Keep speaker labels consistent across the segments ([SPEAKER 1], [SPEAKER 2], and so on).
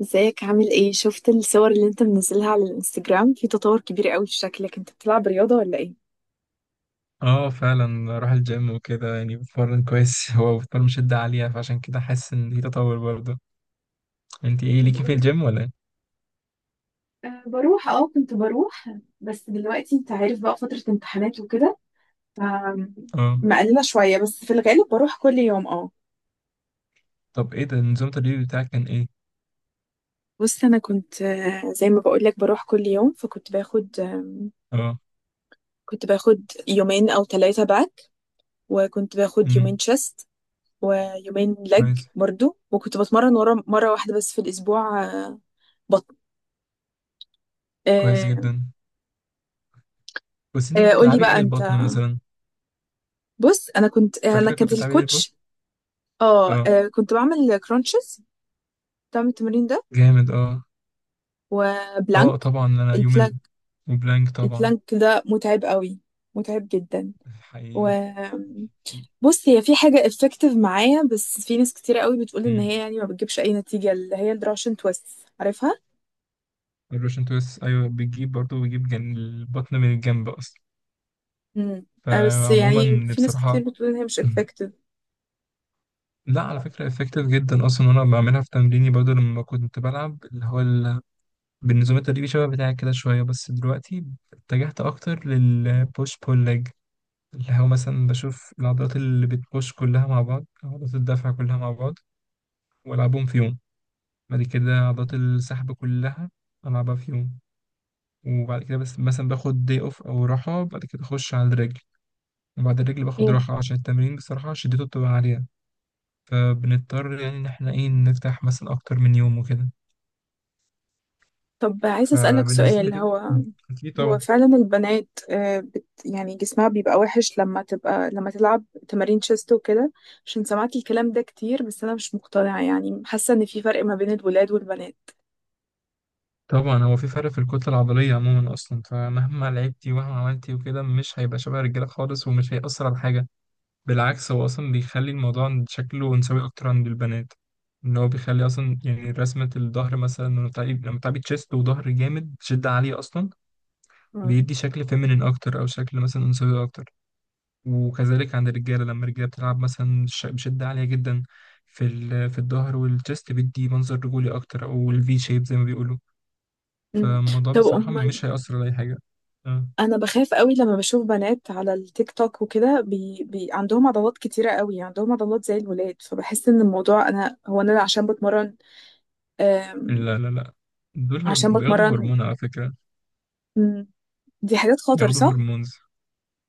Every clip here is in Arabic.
[SPEAKER 1] ازيك؟ عامل ايه؟ شفت الصور اللي انت منزلها على الانستجرام، في تطور كبير قوي في شكلك. انت بتلعب رياضة ولا ايه؟
[SPEAKER 2] اه، فعلا اروح الجيم وكده. يعني بتمرن كويس. هو بتمرن شدة عالية، فعشان كده حاسس ان في تطور برضه. انت ايه ليكي في
[SPEAKER 1] بقول-
[SPEAKER 2] الجيم ولا ايه؟
[SPEAKER 1] بروح اه كنت بروح. بس دلوقتي انت عارف بقى، فترة امتحانات وكده. ف
[SPEAKER 2] اه.
[SPEAKER 1] مقللة شوية، بس في الغالب بروح كل يوم. اه.
[SPEAKER 2] طب ايه ده نظام التدريب بتاعك كان ايه؟
[SPEAKER 1] بص، انا كنت، زي ما بقولك بروح كل يوم، فكنت باخد،
[SPEAKER 2] اه.
[SPEAKER 1] كنت باخد يومين او ثلاثة باك، وكنت باخد يومين
[SPEAKER 2] امم.
[SPEAKER 1] تشيست، ويومين لج
[SPEAKER 2] كويس.
[SPEAKER 1] برضو. وكنت بتمرن ورا مرة واحدة بس في الاسبوع،
[SPEAKER 2] كويس
[SPEAKER 1] بطن.
[SPEAKER 2] جدا. بس انت كنت
[SPEAKER 1] قولي
[SPEAKER 2] بتلعبي ايه
[SPEAKER 1] بقى انت.
[SPEAKER 2] للبطن مثلا؟
[SPEAKER 1] بص، انا كنت، انا
[SPEAKER 2] فاكرة
[SPEAKER 1] كانت
[SPEAKER 2] كنت بتلعبي ايه للبطن؟
[SPEAKER 1] الكوتش. اه،
[SPEAKER 2] اه.
[SPEAKER 1] كنت بعمل كرانشز. بتعمل التمرين ده.
[SPEAKER 2] جامد، اه.
[SPEAKER 1] وبلانك.
[SPEAKER 2] اه طبعا، انا يوم
[SPEAKER 1] البلانك
[SPEAKER 2] وبلانك طبعا.
[SPEAKER 1] البلانك ده متعب قوي، متعب جدا. و
[SPEAKER 2] حقيقي.
[SPEAKER 1] بص، هي في حاجة effective معايا، بس في ناس كتير قوي بتقول ان
[SPEAKER 2] امم.
[SPEAKER 1] هي يعني ما بتجيبش اي نتيجة، اللي هي الدراشن تويست، عارفها؟
[SPEAKER 2] الروشن تويست، ايوه بيجيب برضه بيجيب البطن من الجنب اصلا.
[SPEAKER 1] امم. بس يعني
[SPEAKER 2] فعموما
[SPEAKER 1] في ناس كتير
[SPEAKER 2] بصراحة.
[SPEAKER 1] بتقول ان هي مش effective.
[SPEAKER 2] لا، على فكرة افكتيف جدا اصلا. انا بعملها في تمريني برضو لما كنت بلعب اللي هو بالنظام التدريبي شبه بتاعك كده شوية. بس دلوقتي اتجهت اكتر للبوش بول ليج، اللي هو مثلا بشوف العضلات اللي بتبوش كلها مع بعض، عضلات الدفع كلها مع بعض، والعبهم في يوم. بعد كده عضلات السحب كلها العبها في يوم. وبعد كده بس مثلا باخد دي اوف او راحة، بعد كده اخش على الرجل. وبعد الرجل باخد راحة، عشان التمرين بصراحة شدته بتبقى عالية، فبنضطر يعني إن إحنا إيه نفتح مثلا أكتر من يوم وكده.
[SPEAKER 1] طب عايزة أسألك
[SPEAKER 2] فبالنسبة
[SPEAKER 1] سؤال.
[SPEAKER 2] لي
[SPEAKER 1] هو
[SPEAKER 2] أكيد
[SPEAKER 1] هو
[SPEAKER 2] طبعا.
[SPEAKER 1] فعلا البنات، بت يعني جسمها بيبقى وحش لما تلعب تمارين شيست وكده؟ عشان سمعت الكلام ده كتير، بس أنا مش مقتنعة يعني، حاسة إن في فرق ما بين الولاد والبنات.
[SPEAKER 2] طبعا هو في فرق في الكتلة العضلية عموما أصلا، فمهما لعبتي ومهما عملتي وكده مش هيبقى شبه الرجالة خالص، ومش هيأثر على حاجة. بالعكس، هو أصلا بيخلي الموضوع عند شكله أنثوي أكتر عند البنات. إن هو بيخلي أصلا يعني رسمة الظهر مثلا لما تعبي تشيست وظهر جامد شدة عالية أصلا،
[SPEAKER 1] مم.
[SPEAKER 2] بيدي شكل فيمينين أكتر أو شكل مثلا أنثوي أكتر. وكذلك عند الرجالة، لما الرجالة بتلعب مثلا بشدة عالية جدا في في الظهر والجست، بيدي منظر رجولي أكتر أو الفي شيب زي ما بيقولوا.
[SPEAKER 1] مم.
[SPEAKER 2] فالموضوع
[SPEAKER 1] طب
[SPEAKER 2] بصراحة
[SPEAKER 1] أمال؟
[SPEAKER 2] مش هيأثر على أي حاجة. آه.
[SPEAKER 1] أنا بخاف قوي لما بشوف بنات على التيك توك وكده، عندهم عضلات كتيرة قوي، عندهم عضلات زي الولاد، فبحس إن الموضوع أنا، هو أنا عشان بتمرن. آم،
[SPEAKER 2] لا، لا، لا، دول
[SPEAKER 1] عشان
[SPEAKER 2] بياخدوا
[SPEAKER 1] بتمرن.
[SPEAKER 2] هرمون على فكرة.
[SPEAKER 1] مم، دي حاجات خطر،
[SPEAKER 2] بياخدوا
[SPEAKER 1] صح؟
[SPEAKER 2] هرمونز.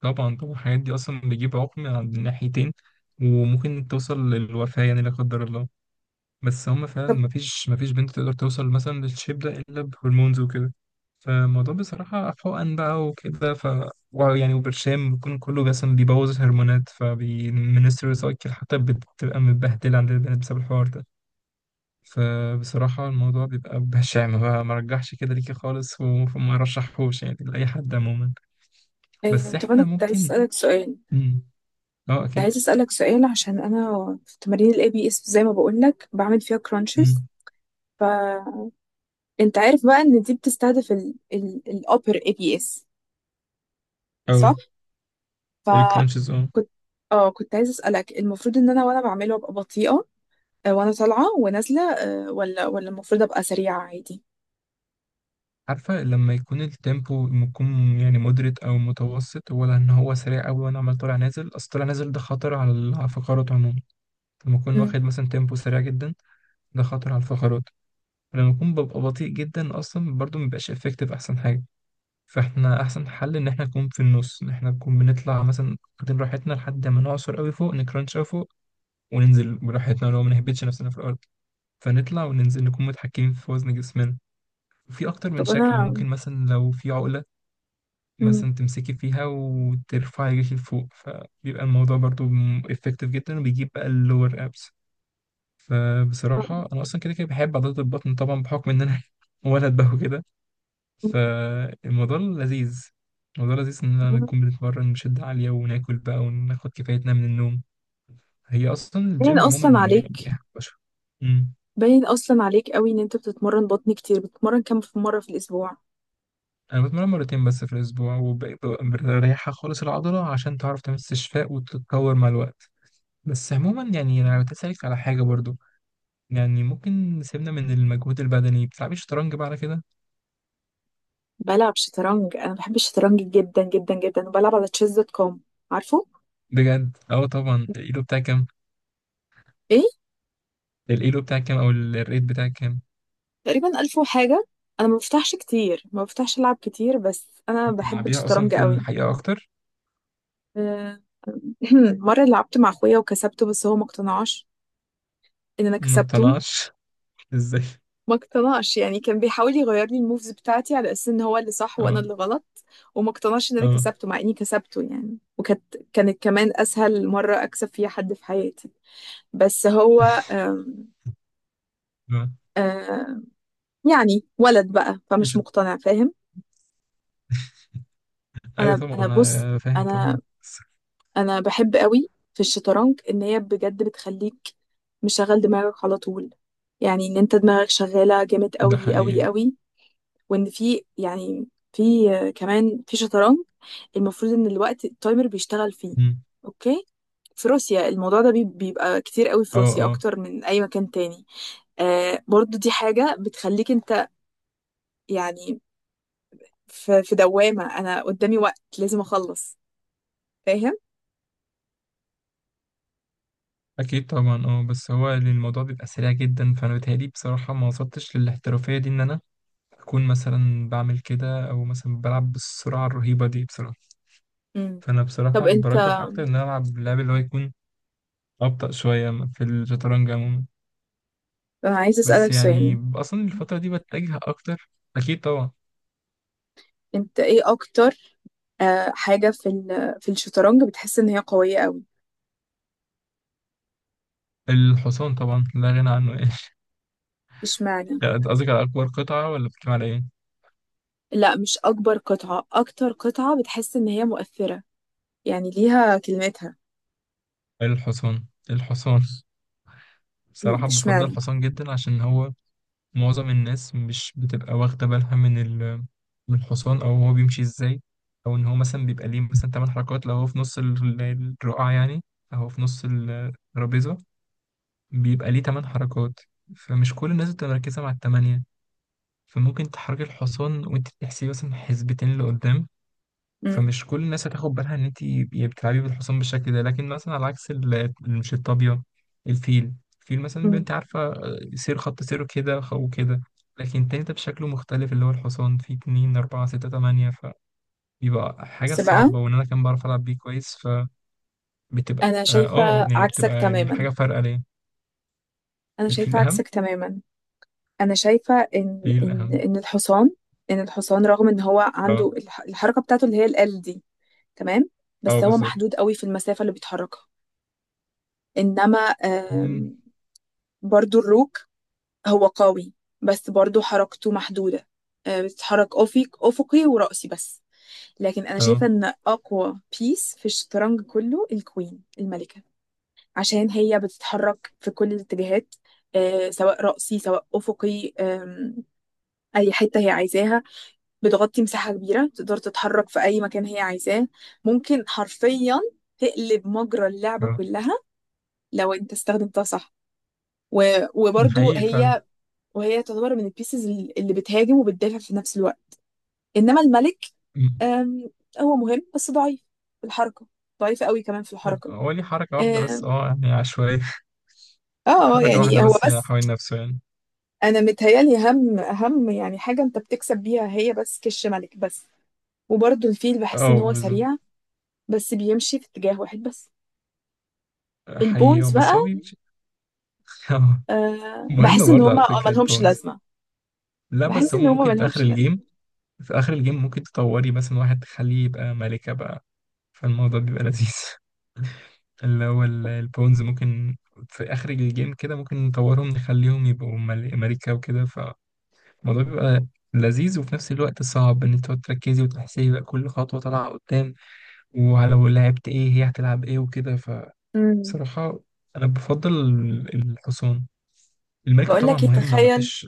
[SPEAKER 2] طبعا، طبعا. الحاجات دي أصلا بتجيب عقم عند الناحيتين، وممكن توصل للوفاة يعني لا قدر الله. بس هم فعلا، مفيش، مفيش بنت تقدر توصل مثلا للشيب ده إلا بهرمونز وكده. فالموضوع بصراحة حقن بقى وكده، ف يعني وبرشام بيكون كله مثلا بيبوظ الهرمونات، فبيمنسترال سايكل حتى بتبقى متبهدلة عند البنات بسبب الحوار ده. فبصراحة الموضوع بيبقى بشع بقى. ما رجحش كده ليكي خالص، وما رشحهوش يعني لأي حد عموما. بس
[SPEAKER 1] إيه، طب انا
[SPEAKER 2] احنا ممكن. مم. اه،
[SPEAKER 1] كنت
[SPEAKER 2] اكيد.
[SPEAKER 1] عايز اسالك سؤال عشان انا في تمارين الاي بي اس، زي ما بقول لك بعمل فيها كرانشز.
[SPEAKER 2] مم.
[SPEAKER 1] فانت عارف بقى ان دي بتستهدف الابر اي بي اس، صح؟
[SPEAKER 2] اه.
[SPEAKER 1] فكنت
[SPEAKER 2] الكرانشز، اه.
[SPEAKER 1] اه كنت عايز اسالك، المفروض ان انا وانا بعمله ابقى بطيئه، وانا طالعه ونازله، ولا المفروض ابقى سريعه عادي؟
[SPEAKER 2] عارفة، لما يكون التيمبو يكون يعني مدرت أو متوسط، ولا إن هو سريع أوي وأنا عمال طالع نازل؟ أصل طالع نازل ده خطر على على الفقرات عموما. لما أكون
[SPEAKER 1] مم.
[SPEAKER 2] واخد مثلا تيمبو سريع جدا ده خطر على الفقرات. ولما أكون ببقى بطيء جدا أصلا، برضه مبيبقاش إفكتيف. أحسن حاجة فإحنا أحسن حل، إن إحنا نكون في النص، إن إحنا نكون بنطلع مثلا واخدين راحتنا لحد ما نعصر أوي فوق، نكرانش أوي فوق، وننزل براحتنا ولو ما نهبطش نفسنا في الأرض. فنطلع وننزل نكون متحكمين في وزن جسمنا. في اكتر من
[SPEAKER 1] طب
[SPEAKER 2] شكل،
[SPEAKER 1] انا
[SPEAKER 2] ممكن مثلا لو في عقلة
[SPEAKER 1] مم.
[SPEAKER 2] مثلا تمسكي فيها وترفعي رجلك لفوق، فبيبقى الموضوع برضو افكتيف جدا، وبيجيب بقى اللور ابس. فبصراحة أنا أصلا كده كده بحب عضلات البطن طبعا، بحكم إن أنا ولد بقى وكده. فالموضوع لذيذ. الموضوع لذيذ، إن أنا نكون بنتمرن بشدة عالية، وناكل بقى وناخد كفايتنا من النوم. هي أصلا
[SPEAKER 1] باين
[SPEAKER 2] الجيم عموما
[SPEAKER 1] اصلا عليك
[SPEAKER 2] يعني مم.
[SPEAKER 1] باين اصلا عليك قوي ان انت بتتمرن بطن كتير. بتتمرن كام في مره في الاسبوع؟
[SPEAKER 2] أنا بتمرن مرتين بس في الأسبوع، وبريحها خالص العضلة عشان تعرف تعمل استشفاء وتتطور مع الوقت. بس عموما يعني انا كنت اسالك على حاجه برضو. يعني ممكن سيبنا من المجهود البدني، بتلعبي شطرنج بقى على كده؟
[SPEAKER 1] بلعب شطرنج. انا بحب الشطرنج جدا جدا جدا، وبلعب على Chess.com. عارفه.
[SPEAKER 2] بجد، اه طبعا. الايلو بتاعك كام؟
[SPEAKER 1] ايه؟
[SPEAKER 2] الايلو بتاعك كام، او الريت بتاعك كام؟
[SPEAKER 1] تقريبا 1000 وحاجه. انا ما بفتحش العب كتير، بس انا بحب
[SPEAKER 2] بتلعبيها اصلا
[SPEAKER 1] الشطرنج
[SPEAKER 2] في
[SPEAKER 1] قوي.
[SPEAKER 2] الحقيقه اكتر؟
[SPEAKER 1] آه، مره لعبت مع اخويا وكسبته، بس هو ما اقتنعش ان انا
[SPEAKER 2] ما
[SPEAKER 1] كسبته.
[SPEAKER 2] بتقنعش. ازاي؟
[SPEAKER 1] ما اقتنعش يعني، كان بيحاول يغير لي الموفز بتاعتي على اساس ان هو اللي صح وانا
[SPEAKER 2] اه.
[SPEAKER 1] اللي غلط. وما اقتنعش ان انا
[SPEAKER 2] اه.
[SPEAKER 1] كسبته مع اني كسبته يعني. وكانت كمان اسهل مره اكسب فيها حد في حياتي. بس هو، آم،
[SPEAKER 2] اه.
[SPEAKER 1] آه، يعني ولد بقى، فمش
[SPEAKER 2] إيش-
[SPEAKER 1] مقتنع، فاهم؟
[SPEAKER 2] ايوه
[SPEAKER 1] انا
[SPEAKER 2] طبعا،
[SPEAKER 1] انا بص،
[SPEAKER 2] أنا فاهم
[SPEAKER 1] انا
[SPEAKER 2] طبعا، بس.
[SPEAKER 1] انا بحب قوي في الشطرنج، ان هي بجد بتخليك مشغل دماغك على طول يعني، ان انت دماغك شغاله جامد
[SPEAKER 2] ده
[SPEAKER 1] قوي قوي
[SPEAKER 2] حقيقي.
[SPEAKER 1] قوي. وان في يعني، في كمان في شطرنج، المفروض ان الوقت التايمر بيشتغل فيه.
[SPEAKER 2] مم.
[SPEAKER 1] اوكي. في روسيا الموضوع ده بيبقى كتير قوي في
[SPEAKER 2] اه.
[SPEAKER 1] روسيا،
[SPEAKER 2] اه،
[SPEAKER 1] اكتر من اي مكان تاني. برضو دي حاجه بتخليك انت يعني، في دوامة، أنا قدامي وقت لازم أخلص، فاهم؟
[SPEAKER 2] اكيد طبعا. اه بس هو الموضوع بيبقى سريع جدا، فانا بتهيألي بصراحه ما وصلتش للاحترافيه دي ان انا أكون مثلا بعمل كده، أو مثلا بلعب بالسرعة الرهيبة دي بصراحة.
[SPEAKER 1] امم.
[SPEAKER 2] فأنا
[SPEAKER 1] طب
[SPEAKER 2] بصراحة
[SPEAKER 1] أنت
[SPEAKER 2] برجح أكتر إن أنا ألعب، لعب اللي هو يكون أبطأ شوية في الشطرنج عموما.
[SPEAKER 1] أنا عايز
[SPEAKER 2] بس
[SPEAKER 1] أسألك سؤال.
[SPEAKER 2] يعني أصلا الفترة دي بتجه أكتر. أكيد طبعا.
[SPEAKER 1] أنت إيه أكتر، حاجة في الشطرنج بتحس إن هي قوية أوي؟
[SPEAKER 2] الحصان طبعا لا غنى عنه يعني.
[SPEAKER 1] إشمعنى؟
[SPEAKER 2] لا، أنت قصدك على أكبر قطعة، ولا بتتكلم على إيه؟
[SPEAKER 1] لا، مش أكبر قطعة، أكتر قطعة بتحس إن هي مؤثرة، يعني ليها كلمتها.
[SPEAKER 2] الحصان. الحصان. بصراحة بفضل
[SPEAKER 1] إشمعنى؟
[SPEAKER 2] الحصان جدا، عشان هو معظم الناس مش بتبقى واخدة بالها من ال، من الحصان، أو هو بيمشي إزاي، أو إن هو مثلا بيبقى ليه مثلا تمن حركات لو هو في نص الرقعة يعني، أو هو في نص الترابيزة بيبقى ليه تمن حركات. فمش كل الناس بتبقى مركزة مع التمانية. فممكن تحركي الحصان وأنت بتحسبي مثلا حسبتين لقدام،
[SPEAKER 1] مم.
[SPEAKER 2] فمش كل الناس هتاخد بالها ان انت بتلعبي بالحصان بالشكل ده. لكن مثلا على عكس مش الطابية، الفيل. الفيل مثلا بيبقى،
[SPEAKER 1] امم.
[SPEAKER 2] انت عارفة، سير، خط سيره كده وكده. لكن التاني ده بشكله مختلف، اللي هو الحصان فيه اتنين أربعة ستة تمانية. فبيبقى حاجة
[SPEAKER 1] بس بقى،
[SPEAKER 2] صعبة، وإن أنا كان بعرف ألعب بيه كويس فبتبقى
[SPEAKER 1] أنا
[SPEAKER 2] اه،
[SPEAKER 1] شايفة
[SPEAKER 2] يعني
[SPEAKER 1] عكسك
[SPEAKER 2] بتبقى يعني
[SPEAKER 1] تماما.
[SPEAKER 2] حاجة فارقة ليه.
[SPEAKER 1] أنا
[SPEAKER 2] الفيل
[SPEAKER 1] شايفة
[SPEAKER 2] أهم؟
[SPEAKER 1] عكسك تماما. انا شايفه ان
[SPEAKER 2] ايه
[SPEAKER 1] ان
[SPEAKER 2] الأهم؟
[SPEAKER 1] ان الحصان، ان الحصان رغم ان هو
[SPEAKER 2] اه.
[SPEAKER 1] عنده الحركه بتاعته اللي هي ال دي. تمام،
[SPEAKER 2] اه
[SPEAKER 1] بس هو
[SPEAKER 2] بالظبط.
[SPEAKER 1] محدود قوي في المسافه اللي بيتحركها. انما،
[SPEAKER 2] مم.
[SPEAKER 1] برضو الروك، هو قوي، بس برضو حركته محدوده. بتتحرك افقي وراسي بس. لكن انا
[SPEAKER 2] اه.
[SPEAKER 1] شايفه ان اقوى بيس في الشطرنج كله الكوين، الملكه. عشان هي بتتحرك في كل الاتجاهات، سواء رأسي سواء أفقي، أي حتة هي عايزاها. بتغطي مساحة كبيرة، تقدر تتحرك في أي مكان هي عايزاه. ممكن حرفيا تقلب مجرى اللعبة
[SPEAKER 2] اه،
[SPEAKER 1] كلها لو أنت استخدمتها صح. و... وبرضو
[SPEAKER 2] حقيقي فعلا.
[SPEAKER 1] هي وهي تعتبر من البيسز اللي بتهاجم وبتدافع في نفس الوقت. إنما الملك،
[SPEAKER 2] مم.
[SPEAKER 1] آم، هو مهم بس ضعيف في الحركة، ضعيف قوي كمان في الحركة.
[SPEAKER 2] هو ليه حركة واحدة بس،
[SPEAKER 1] آم،
[SPEAKER 2] اه يعني عشوائية.
[SPEAKER 1] اه
[SPEAKER 2] حركة واحدة
[SPEAKER 1] يعني هو
[SPEAKER 2] بس يعني
[SPEAKER 1] بس.
[SPEAKER 2] حوالين نفسه يعني.
[SPEAKER 1] أنا متهيألي أهم يعني حاجة أنت بتكسب بيها هي بس كش ملك بس. وبرضو الفيل بحس إن
[SPEAKER 2] اه
[SPEAKER 1] هو
[SPEAKER 2] بالظبط.
[SPEAKER 1] سريع، بس بيمشي في اتجاه واحد بس.
[SPEAKER 2] حقيقي، اه،
[SPEAKER 1] البونز بقى،
[SPEAKER 2] بس هو بيمشي. اه. مهم
[SPEAKER 1] بحس ان
[SPEAKER 2] برضه على
[SPEAKER 1] هما،
[SPEAKER 2] فكرة
[SPEAKER 1] ملهمش
[SPEAKER 2] البونز.
[SPEAKER 1] لازمه.
[SPEAKER 2] لا، بس
[SPEAKER 1] بحس ان
[SPEAKER 2] هما
[SPEAKER 1] هما
[SPEAKER 2] ممكن في آخر
[SPEAKER 1] ملهمش لازمه.
[SPEAKER 2] الجيم. في آخر الجيم ممكن تطوري مثلا واحد تخليه يبقى ملكة بقى. فالموضوع بيبقى لذيذ. اللي هو البونز، ممكن في آخر الجيم كده ممكن نطورهم نخليهم يبقوا ملكة وكده. فالموضوع بيبقى لذيذ، وفي نفس الوقت صعب إن انت تقعد تركزي وتحسبي بقى كل خطوة طالعة قدام، ولو لعبت ايه هي هتلعب ايه وكده.
[SPEAKER 1] امم.
[SPEAKER 2] بصراحة أنا بفضل الحصان. الملكة
[SPEAKER 1] بقول
[SPEAKER 2] طبعا
[SPEAKER 1] لك ايه،
[SPEAKER 2] مهمة
[SPEAKER 1] تخيل
[SPEAKER 2] مفيش.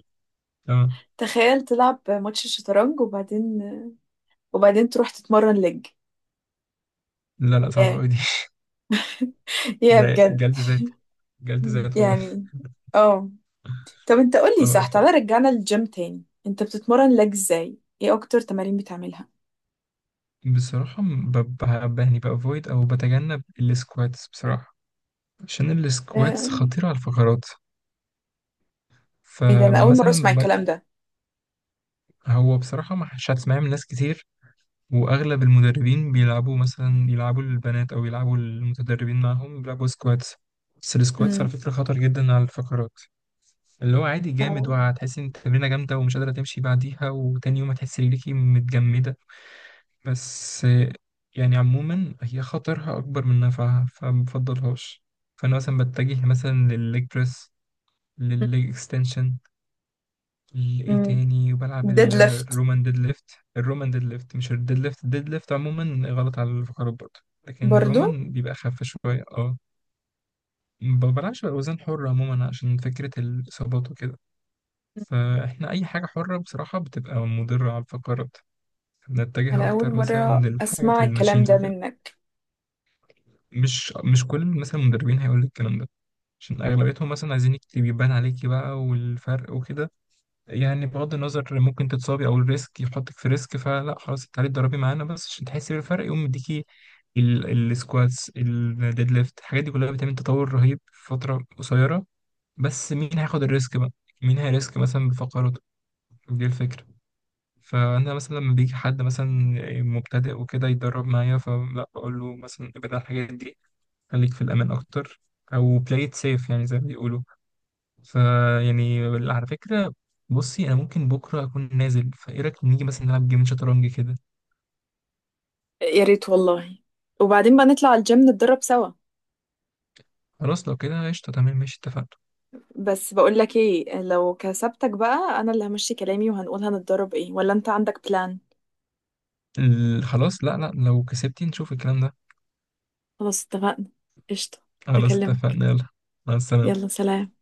[SPEAKER 2] آه.
[SPEAKER 1] تخيل، تلعب ماتش الشطرنج وبعدين تروح تتمرن لج.
[SPEAKER 2] لا، لا، صعبة
[SPEAKER 1] يا،
[SPEAKER 2] أوي دي.
[SPEAKER 1] يا
[SPEAKER 2] ده
[SPEAKER 1] بجد.
[SPEAKER 2] جلد ذات. جلد
[SPEAKER 1] مم.
[SPEAKER 2] ذات والله.
[SPEAKER 1] يعني اه. طب انت قول لي،
[SPEAKER 2] اه،
[SPEAKER 1] صح، تعالى رجعنا للجيم تاني، انت بتتمرن لج ازاي؟ ايه اكتر تمارين بتعملها؟
[SPEAKER 2] بصراحة يعني بأفويد أو بتجنب السكواتس بصراحة، عشان السكواتس
[SPEAKER 1] آه،
[SPEAKER 2] خطيرة على الفقرات.
[SPEAKER 1] ايه ده؟ انا اول مره
[SPEAKER 2] فمثلا
[SPEAKER 1] اسمع الكلام ده.
[SPEAKER 2] هو بصراحة ما مش هتسمعيه من ناس كتير. وأغلب المدربين بيلعبوا، مثلا يلعبوا البنات أو يلعبوا المتدربين معاهم بيلعبوا سكواتس. بس السكواتس على
[SPEAKER 1] امم.
[SPEAKER 2] فكرة خطر جدا على الفقرات. اللي هو عادي جامد، وهتحس ان التمرينه جامده ومش قادره تمشي بعديها، وتاني يوم هتحس رجليكي متجمده. بس يعني عموما، هي خطرها اكبر من نفعها فمبفضلهاش. فانا مثلا بتجه مثلا للليج بريس، للليج اكستنشن، لايه تاني، وبلعب
[SPEAKER 1] ديد ليفت.
[SPEAKER 2] الرومان ديد ليفت. الرومان ديد ليفت، مش الديد ليفت. الديد ليفت عموما غلط على الفقرات برضه، لكن
[SPEAKER 1] برضو
[SPEAKER 2] الرومان بيبقى اخف شويه، اه. ما بلعبش باوزان حره عموما عشان فكره الاصابات وكده. فاحنا اي حاجه حره بصراحه بتبقى مضره على الفقرات. بنتجه
[SPEAKER 1] انا اول
[SPEAKER 2] اكتر مثلا
[SPEAKER 1] مره
[SPEAKER 2] للحاجات
[SPEAKER 1] اسمع الكلام
[SPEAKER 2] الماشينز
[SPEAKER 1] ده
[SPEAKER 2] وكده.
[SPEAKER 1] منك.
[SPEAKER 2] مش، مش كل مثلا المدربين هيقول لك الكلام ده، عشان اغلبيتهم مثلا عايزين يكتب يبان عليكي بقى والفرق وكده. يعني بغض النظر ممكن تتصابي او الريسك يحطك في ريسك. فلا، خلاص، انت عليك تدربي معانا بس عشان تحسي بالفرق، يقوم مديكي السكواتس، الديد ليفت، الحاجات دي كلها بتعمل تطور رهيب في فتره قصيره. بس مين هياخد الريسك بقى؟ مين هيريسك مثلا بفقراته؟ دي الفكره. فانا مثلا لما بيجي حد مثلا مبتدئ وكده يتدرب معايا، فلا، بقول له مثلا ابعد عن الحاجات دي، خليك في الامان اكتر، او play it safe يعني زي ما بيقولوا. فيعني، على فكره، بصي، انا ممكن بكره اكون نازل، فايه رايك نيجي مثلا نلعب جيم شطرنج كده؟
[SPEAKER 1] يا ريت والله. وبعدين بقى نطلع الجيم نتدرب سوا.
[SPEAKER 2] خلاص لو كده قشطه. تمام، ماشي، اتفقنا.
[SPEAKER 1] بس بقول لك ايه، لو كسبتك بقى انا اللي همشي كلامي وهنقول هنتدرب ايه، ولا انت عندك بلان؟
[SPEAKER 2] خلاص، لا، لا، لو كسبتي نشوف الكلام ده.
[SPEAKER 1] خلاص اتفقنا. قشطة.
[SPEAKER 2] خلاص
[SPEAKER 1] هكلمك.
[SPEAKER 2] اتفقنا، يلا. مع السلامه.
[SPEAKER 1] يلا سلام.